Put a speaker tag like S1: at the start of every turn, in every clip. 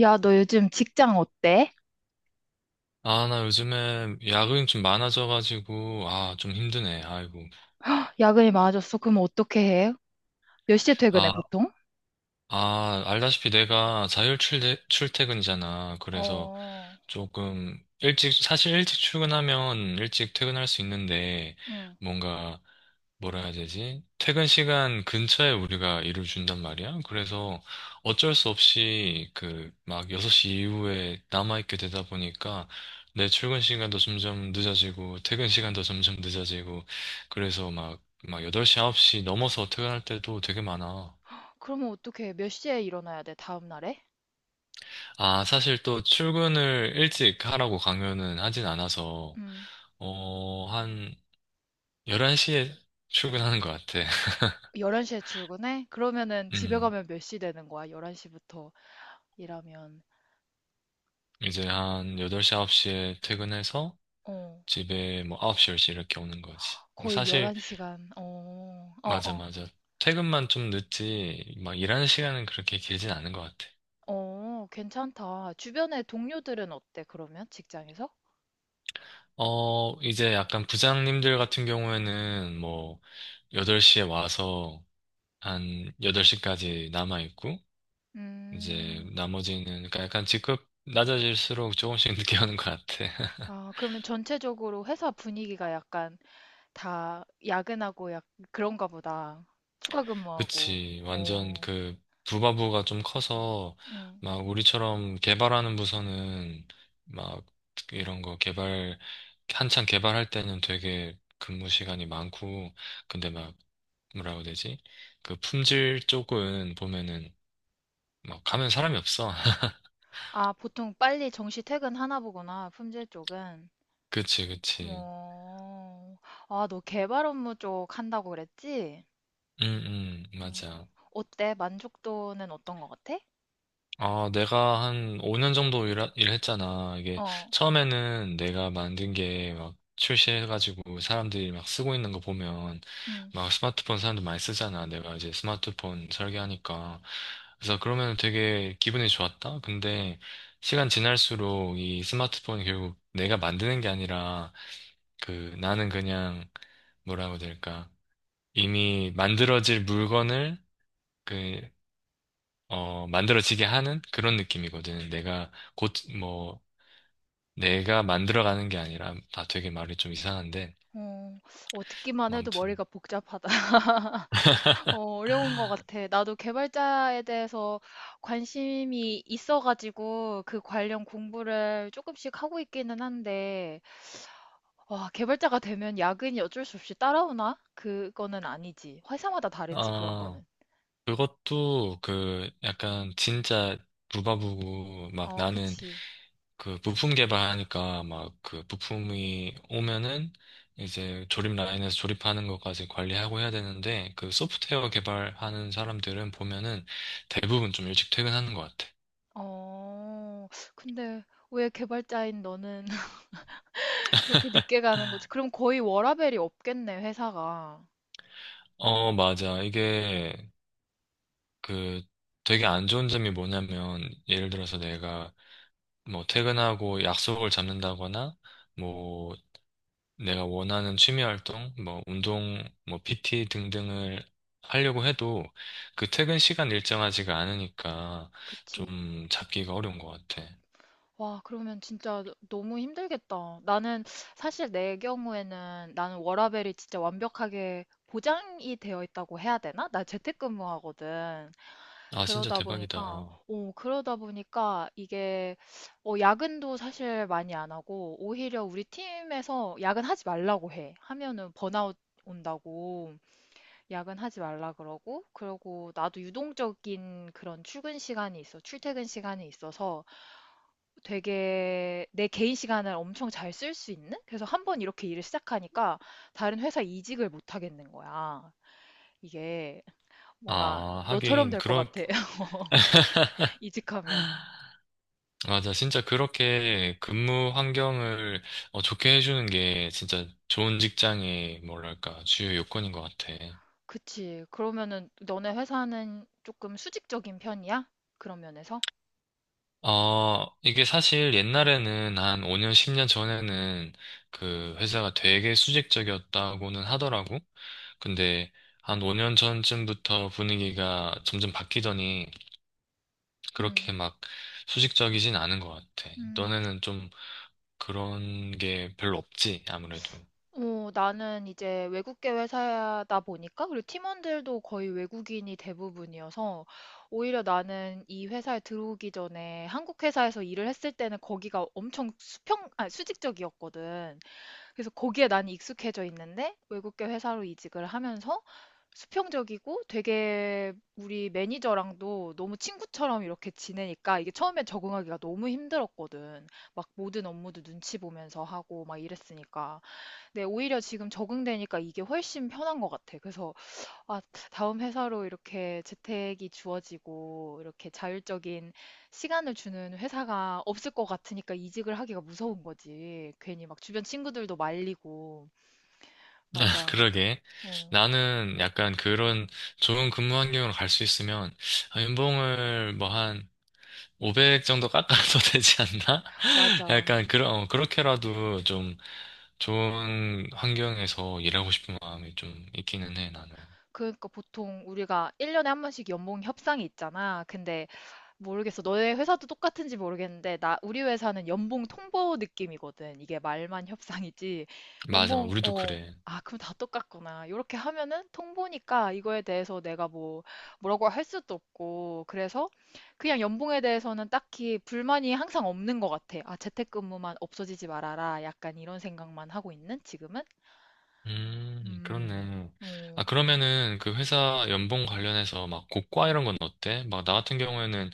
S1: 야, 너 요즘 직장 어때?
S2: 아, 나 요즘에 야근이 좀 많아져가지고, 아, 좀 힘드네, 아이고.
S1: 헉, 야근이 많아졌어. 그럼 어떻게 해? 몇 시에 퇴근해,
S2: 아,
S1: 보통?
S2: 알다시피 내가 출퇴근이잖아. 그래서
S1: 어,
S2: 조금 일찍, 사실 일찍 출근하면 일찍 퇴근할 수 있는데,
S1: 응.
S2: 뭔가 뭐라 해야 되지? 퇴근 시간 근처에 우리가 일을 준단 말이야. 그래서 어쩔 수 없이 그 막 6시 이후에 남아있게 되다 보니까 내 출근 시간도 점점 늦어지고 퇴근 시간도 점점 늦어지고 그래서 막 8시, 9시 넘어서 퇴근할 때도 되게 많아.
S1: 그러면 어떻게 해? 몇 시에 일어나야 돼, 다음 날에?
S2: 아, 사실 또 출근을 일찍 하라고 강요는 하진 않아서
S1: 음.
S2: 어, 한 11시에 출근하는 것 같아.
S1: 11시에 출근해? 그러면은 집에
S2: 음,
S1: 가면 몇 시 되는 거야? 11시부터 일하면.
S2: 이제 한 8시, 9시에 퇴근해서
S1: 어,
S2: 집에 뭐 9시, 10시 이렇게 오는 거지. 뭐
S1: 거의
S2: 사실,
S1: 11시간. 어, 어,
S2: 맞아,
S1: 어.
S2: 맞아. 퇴근만 좀 늦지, 막 일하는 시간은 그렇게 길진 않은 것 같아.
S1: 어, 괜찮다. 주변에 동료들은 어때, 그러면? 직장에서?
S2: 어, 이제 약간 부장님들 같은 경우에는 뭐, 8시에 와서 한 8시까지 남아있고, 이제
S1: 음.
S2: 나머지는, 그러니까 약간 직급 낮아질수록 조금씩 늦게 오는 것 같아.
S1: 아, 그러면 전체적으로 회사 분위기가 약간 다 야근하고 약 그런가 보다. 추가 근무하고.
S2: 그치. 완전
S1: 어,
S2: 그 부가부가 좀 커서
S1: 음.
S2: 막 우리처럼 개발하는 부서는 막 이런 거 개발 한창 개발할 때는 되게 근무 시간이 많고 근데 막 뭐라고 해야 되지? 그 품질 쪽은 보면은 막 가면 사람이 없어.
S1: 아, 보통 빨리 정시 퇴근하나 보구나, 품질 쪽은.
S2: 그치, 그치.
S1: 어, 아, 너 개발 업무 쪽 한다고 그랬지?
S2: 응, 응,
S1: 어,
S2: 맞아.
S1: 어때? 만족도는 어떤 것 같아?
S2: 아, 내가 한 5년 정도 일했잖아. 이게
S1: 어,
S2: 처음에는 내가 만든 게 막 출시해가지고 사람들이 막 쓰고 있는 거 보면
S1: 음,
S2: 막 스마트폰 사람들 많이 쓰잖아. 내가 이제 스마트폰 설계하니까. 그래서 그러면 되게 기분이 좋았다. 근데 시간 지날수록 이 스마트폰이 결국 내가 만드는 게 아니라 그 나는 그냥 뭐라고 해야 될까? 이미 만들어질 물건을 그 어, 만들어지게 하는 그런 느낌이거든. 내가 곧, 뭐, 내가 만들어가는 게 아니라, 다 되게 말이 좀 이상한데,
S1: 어, 어, 듣기만 해도
S2: 아무튼.
S1: 머리가 복잡하다. 어, 어려운 것 같아. 나도 개발자에 대해서 관심이 있어가지고 그 관련 공부를 조금씩 하고 있기는 한데, 와, 개발자가 되면 야근이 어쩔 수 없이 따라오나? 그거는 아니지. 회사마다 다르지, 그런 거는.
S2: 어, 그것도 그 약간 진짜 부바부고, 막
S1: 어,
S2: 나는
S1: 그치.
S2: 그 부품 개발하니까 막 그 부품이 오면은 이제 조립 라인에서 조립하는 것까지 관리하고 해야 되는데, 그 소프트웨어 개발하는 사람들은 보면은 대부분 좀 일찍 퇴근하는 것 같아.
S1: 어, 근데 왜 개발자인 너는 그렇게 늦게 가는 거지? 그럼 거의 워라밸이 없겠네, 회사가.
S2: 어, 맞아. 이게 그 되게 안 좋은 점이 뭐냐면 예를 들어서 내가 뭐 퇴근하고 약속을 잡는다거나 뭐 내가 원하는 취미 활동, 뭐 운동, 뭐 PT 등등을 하려고 해도 그 퇴근 시간 일정하지가 않으니까
S1: 그치.
S2: 좀 잡기가 어려운 것 같아.
S1: 와, 그러면 진짜 너무 힘들겠다. 나는 사실 내 경우에는 나는 워라밸이 진짜 완벽하게 보장이 되어 있다고 해야 되나? 나 재택근무하거든.
S2: 아, 진짜
S1: 그러다 보니까,
S2: 대박이다.
S1: 오, 그러다 보니까 이게, 어, 야근도 사실 많이 안 하고, 오히려 우리 팀에서 야근하지 말라고 해. 하면은 번아웃 온다고 야근하지 말라 그러고, 그러고 나도 유동적인 그런 출근 시간이 있어, 출퇴근 시간이 있어서 되게 내 개인 시간을 엄청 잘 쓸 수 있는? 그래서 한 번 이렇게 일을 시작하니까 다른 회사 이직을 못 하겠는 거야. 이게 뭔가
S2: 아,
S1: 너처럼 될 것 같아. 이직하면.
S2: 맞아. 진짜 그렇게 근무 환경을 어, 좋게 해주는 게 진짜 좋은 직장의 뭐랄까, 주요 요건인 것 같아.
S1: 그치. 그러면은 너네 회사는 조금 수직적인 편이야? 그런 면에서?
S2: 아, 이게 사실 옛날에는 한 5년, 10년 전에는 그 회사가 되게 수직적이었다고는 하더라고. 근데 한 5년 전쯤부터 분위기가 점점 바뀌더니 그렇게
S1: 음.
S2: 막 수직적이진 않은 것 같아.
S1: 음.
S2: 너네는 좀 그런 게 별로 없지, 아무래도.
S1: 어, 나는 이제 외국계 회사다 보니까 그리고 팀원들도 거의 외국인이 대부분이어서 오히려 나는 이 회사에 들어오기 전에 한국 회사에서 일을 했을 때는 거기가 엄청 아, 수직적이었거든. 그래서 거기에 난 익숙해져 있는데 외국계 회사로 이직을 하면서 수평적이고 되게 우리 매니저랑도 너무 친구처럼 이렇게 지내니까 이게 처음에 적응하기가 너무 힘들었거든. 막 모든 업무도 눈치 보면서 하고 막 이랬으니까. 네, 오히려 지금 적응되니까 이게 훨씬 편한 것 같아. 그래서, 아, 다음 회사로 이렇게 재택이 주어지고, 이렇게 자율적인 시간을 주는 회사가 없을 것 같으니까 이직을 하기가 무서운 거지. 괜히 막 주변 친구들도 말리고. 맞아.
S2: 그러게.
S1: 어,
S2: 나는 약간 그런 좋은 근무 환경으로 갈 수 있으면 아, 연봉을 뭐한 500 정도 깎아도 되지 않나?
S1: 맞아.
S2: 약간 그런 어, 그렇게라도 좀 좋은 환경에서 일하고 싶은 마음이 좀 있기는 해 나는.
S1: 그러니까 보통 우리가 1년에 한 번씩 연봉 협상이 있잖아. 근데 모르겠어. 너네 회사도 똑같은지 모르겠는데, 우리 회사는 연봉 통보 느낌이거든. 이게 말만 협상이지.
S2: 맞아,
S1: 연봉,
S2: 우리도
S1: 어,
S2: 그래.
S1: 아, 그럼 다 똑같구나. 이렇게 하면은 통보니까 이거에 대해서 내가 뭐, 뭐라고 할 수도 없고. 그래서 그냥 연봉에 대해서는 딱히 불만이 항상 없는 것 같아. 아, 재택근무만 없어지지 말아라. 약간 이런 생각만 하고 있는 지금은?
S2: 그렇네. 아,
S1: 어.
S2: 그러면은 그 회사 연봉 관련해서 막 고과 이런 건 어때? 막 나 같은 경우에는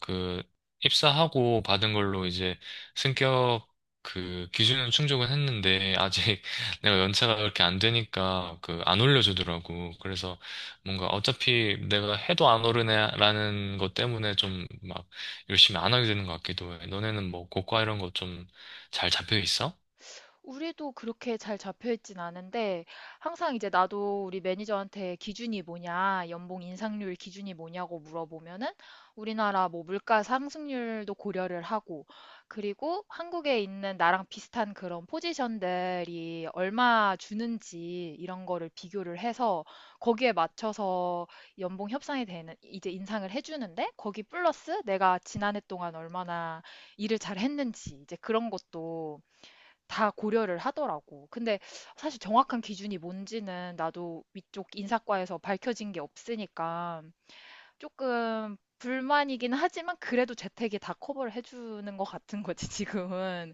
S2: 그 입사하고 받은 걸로 이제 승격 그 기준은 충족은 했는데 아직 내가 연차가 그렇게 안 되니까 그 안 올려주더라고. 그래서 뭔가 어차피 내가 해도 안 오르네라는 것 때문에 좀 막 열심히 안 하게 되는 것 같기도 해. 너네는 뭐 고과 이런 거 좀 잘 잡혀 있어?
S1: 우리도 그렇게 잘 잡혀 있진 않은데 항상 이제 나도 우리 매니저한테 기준이 뭐냐, 연봉 인상률 기준이 뭐냐고 물어보면은 우리나라 뭐 물가 상승률도 고려를 하고 그리고 한국에 있는 나랑 비슷한 그런 포지션들이 얼마 주는지 이런 거를 비교를 해서 거기에 맞춰서 연봉 협상이 되는 이제 인상을 해주는데 거기 플러스 내가 지난해 동안 얼마나 일을 잘 했는지 이제 그런 것도 다 고려를 하더라고. 근데 사실 정확한 기준이 뭔지는 나도 위쪽 인사과에서 밝혀진 게 없으니까 조금 불만이긴 하지만 그래도 재택이 다 커버를 해주는 것 같은 거지, 지금은.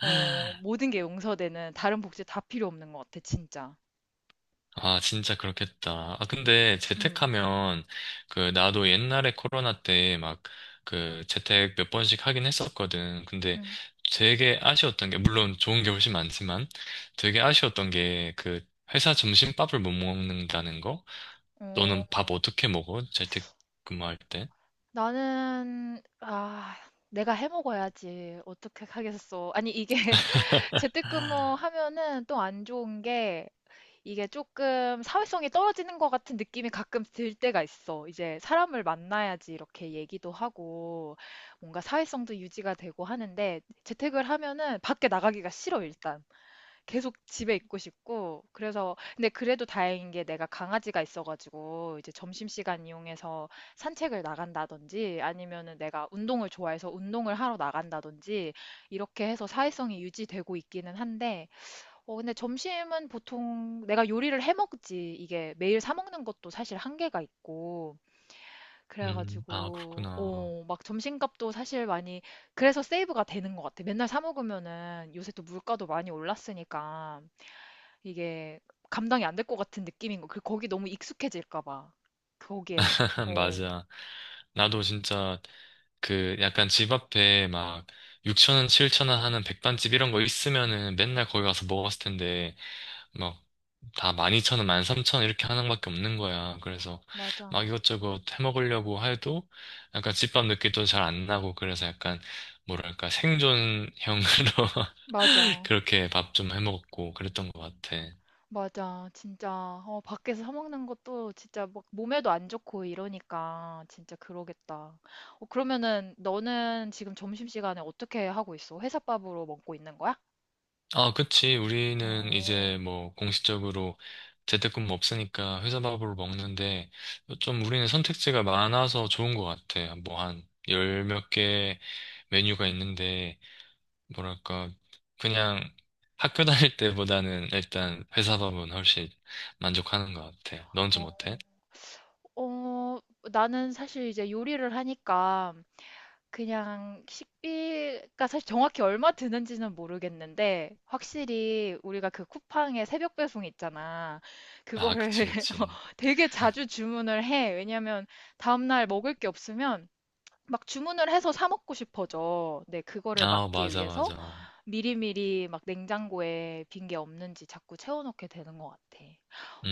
S1: 어, 모든 게 용서되는 다른 복지 다 필요 없는 것 같아, 진짜.
S2: 아, 진짜 그렇겠다. 아, 근데
S1: 음,
S2: 재택하면, 그, 나도 옛날에 코로나 때 막, 그, 재택 몇 번씩 하긴 했었거든. 근데
S1: 음.
S2: 되게 아쉬웠던 게, 물론 좋은 게 훨씬 많지만, 되게 아쉬웠던 게, 그, 회사 점심밥을 못 먹는다는 거?
S1: 어,
S2: 너는 밥 어떻게 먹어? 재택 근무할 때?
S1: 아, 내가 해 먹어야지. 어떻게 하겠어. 아니, 이게 재택근무 하면은 또 안 좋은 게 이게 조금 사회성이 떨어지는 것 같은 느낌이 가끔 들 때가 있어. 이제 사람을 만나야지 이렇게 얘기도 하고 뭔가 사회성도 유지가 되고 하는데 재택을 하면은 밖에 나가기가 싫어, 일단. 계속 집에 있고 싶고. 그래서 근데 그래도 다행인 게 내가 강아지가 있어가지고 이제 점심시간 이용해서 산책을 나간다든지 아니면은 내가 운동을 좋아해서 운동을 하러 나간다든지 이렇게 해서 사회성이 유지되고 있기는 한데 어, 근데 점심은 보통 내가 요리를 해 먹지. 이게 매일 사 먹는 것도 사실 한계가 있고.
S2: 아,
S1: 그래가지고,
S2: 그렇구나.
S1: 어, 막 점심값도 사실 많이, 그래서 세이브가 되는 것 같아. 맨날 사 먹으면은 요새 또 물가도 많이 올랐으니까 이게 감당이 안 될 것 같은 느낌인 거. 그 거기 너무 익숙해질까 봐. 거기에. 어,
S2: 맞아. 나도 진짜 그 약간 집 앞에 막 6천 원, 7천 원 하는 백반집 이런 거 있으면은 맨날 거기 가서 먹었을 텐데 막 다 12,000원, 13,000원 이렇게 하는 것밖에 없는 거야. 그래서
S1: 맞아.
S2: 막 이것저것 해 먹으려고 해도 약간 집밥 느낌도 잘 안 나고 그래서 약간 뭐랄까 생존형으로
S1: 맞아.
S2: 그렇게 밥 좀 해 먹었고 그랬던 것 같아.
S1: 맞아. 진짜 어, 밖에서 사 먹는 것도 진짜 막 몸에도 안 좋고 이러니까 진짜 그러겠다. 어, 그러면은 너는 지금 점심시간에 어떻게 하고 있어? 회사밥으로 먹고 있는 거야?
S2: 아, 그치. 우리는
S1: 어.
S2: 이제 뭐 공식적으로 재택근무 없으니까 회사 밥으로 먹는데 좀 우리는 선택지가 많아서 좋은 것 같아. 뭐 한 열 몇 개 메뉴가 있는데 뭐랄까 그냥 학교 다닐 때보다는 일단 회사 밥은 훨씬 만족하는 것 같아. 넌 좀
S1: 어,
S2: 어때?
S1: 어, 나는 사실 이제 요리를 하니까 그냥 식비가 사실 정확히 얼마 드는지는 모르겠는데 확실히 우리가 그 쿠팡의 새벽 배송 있잖아.
S2: 아, 그치,
S1: 그거를 어,
S2: 그치.
S1: 되게 자주 주문을 해. 왜냐면 다음날 먹을 게 없으면 막 주문을 해서 사 먹고 싶어져. 네, 그거를
S2: 아,
S1: 막기
S2: 맞아,
S1: 위해서.
S2: 맞아.
S1: 미리미리 막 냉장고에 빈 게 없는지 자꾸 채워놓게 되는 것 같아.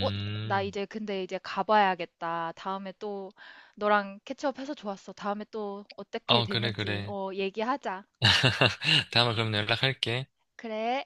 S1: 어, 나 이제 근데 이제 가봐야겠다. 다음에 또 너랑 캐치업해서 좋았어. 다음에 또 어떻게
S2: 어, 그래,
S1: 됐는지
S2: 그래.
S1: 어, 얘기하자.
S2: 다음에 그럼 연락할게.
S1: 그래.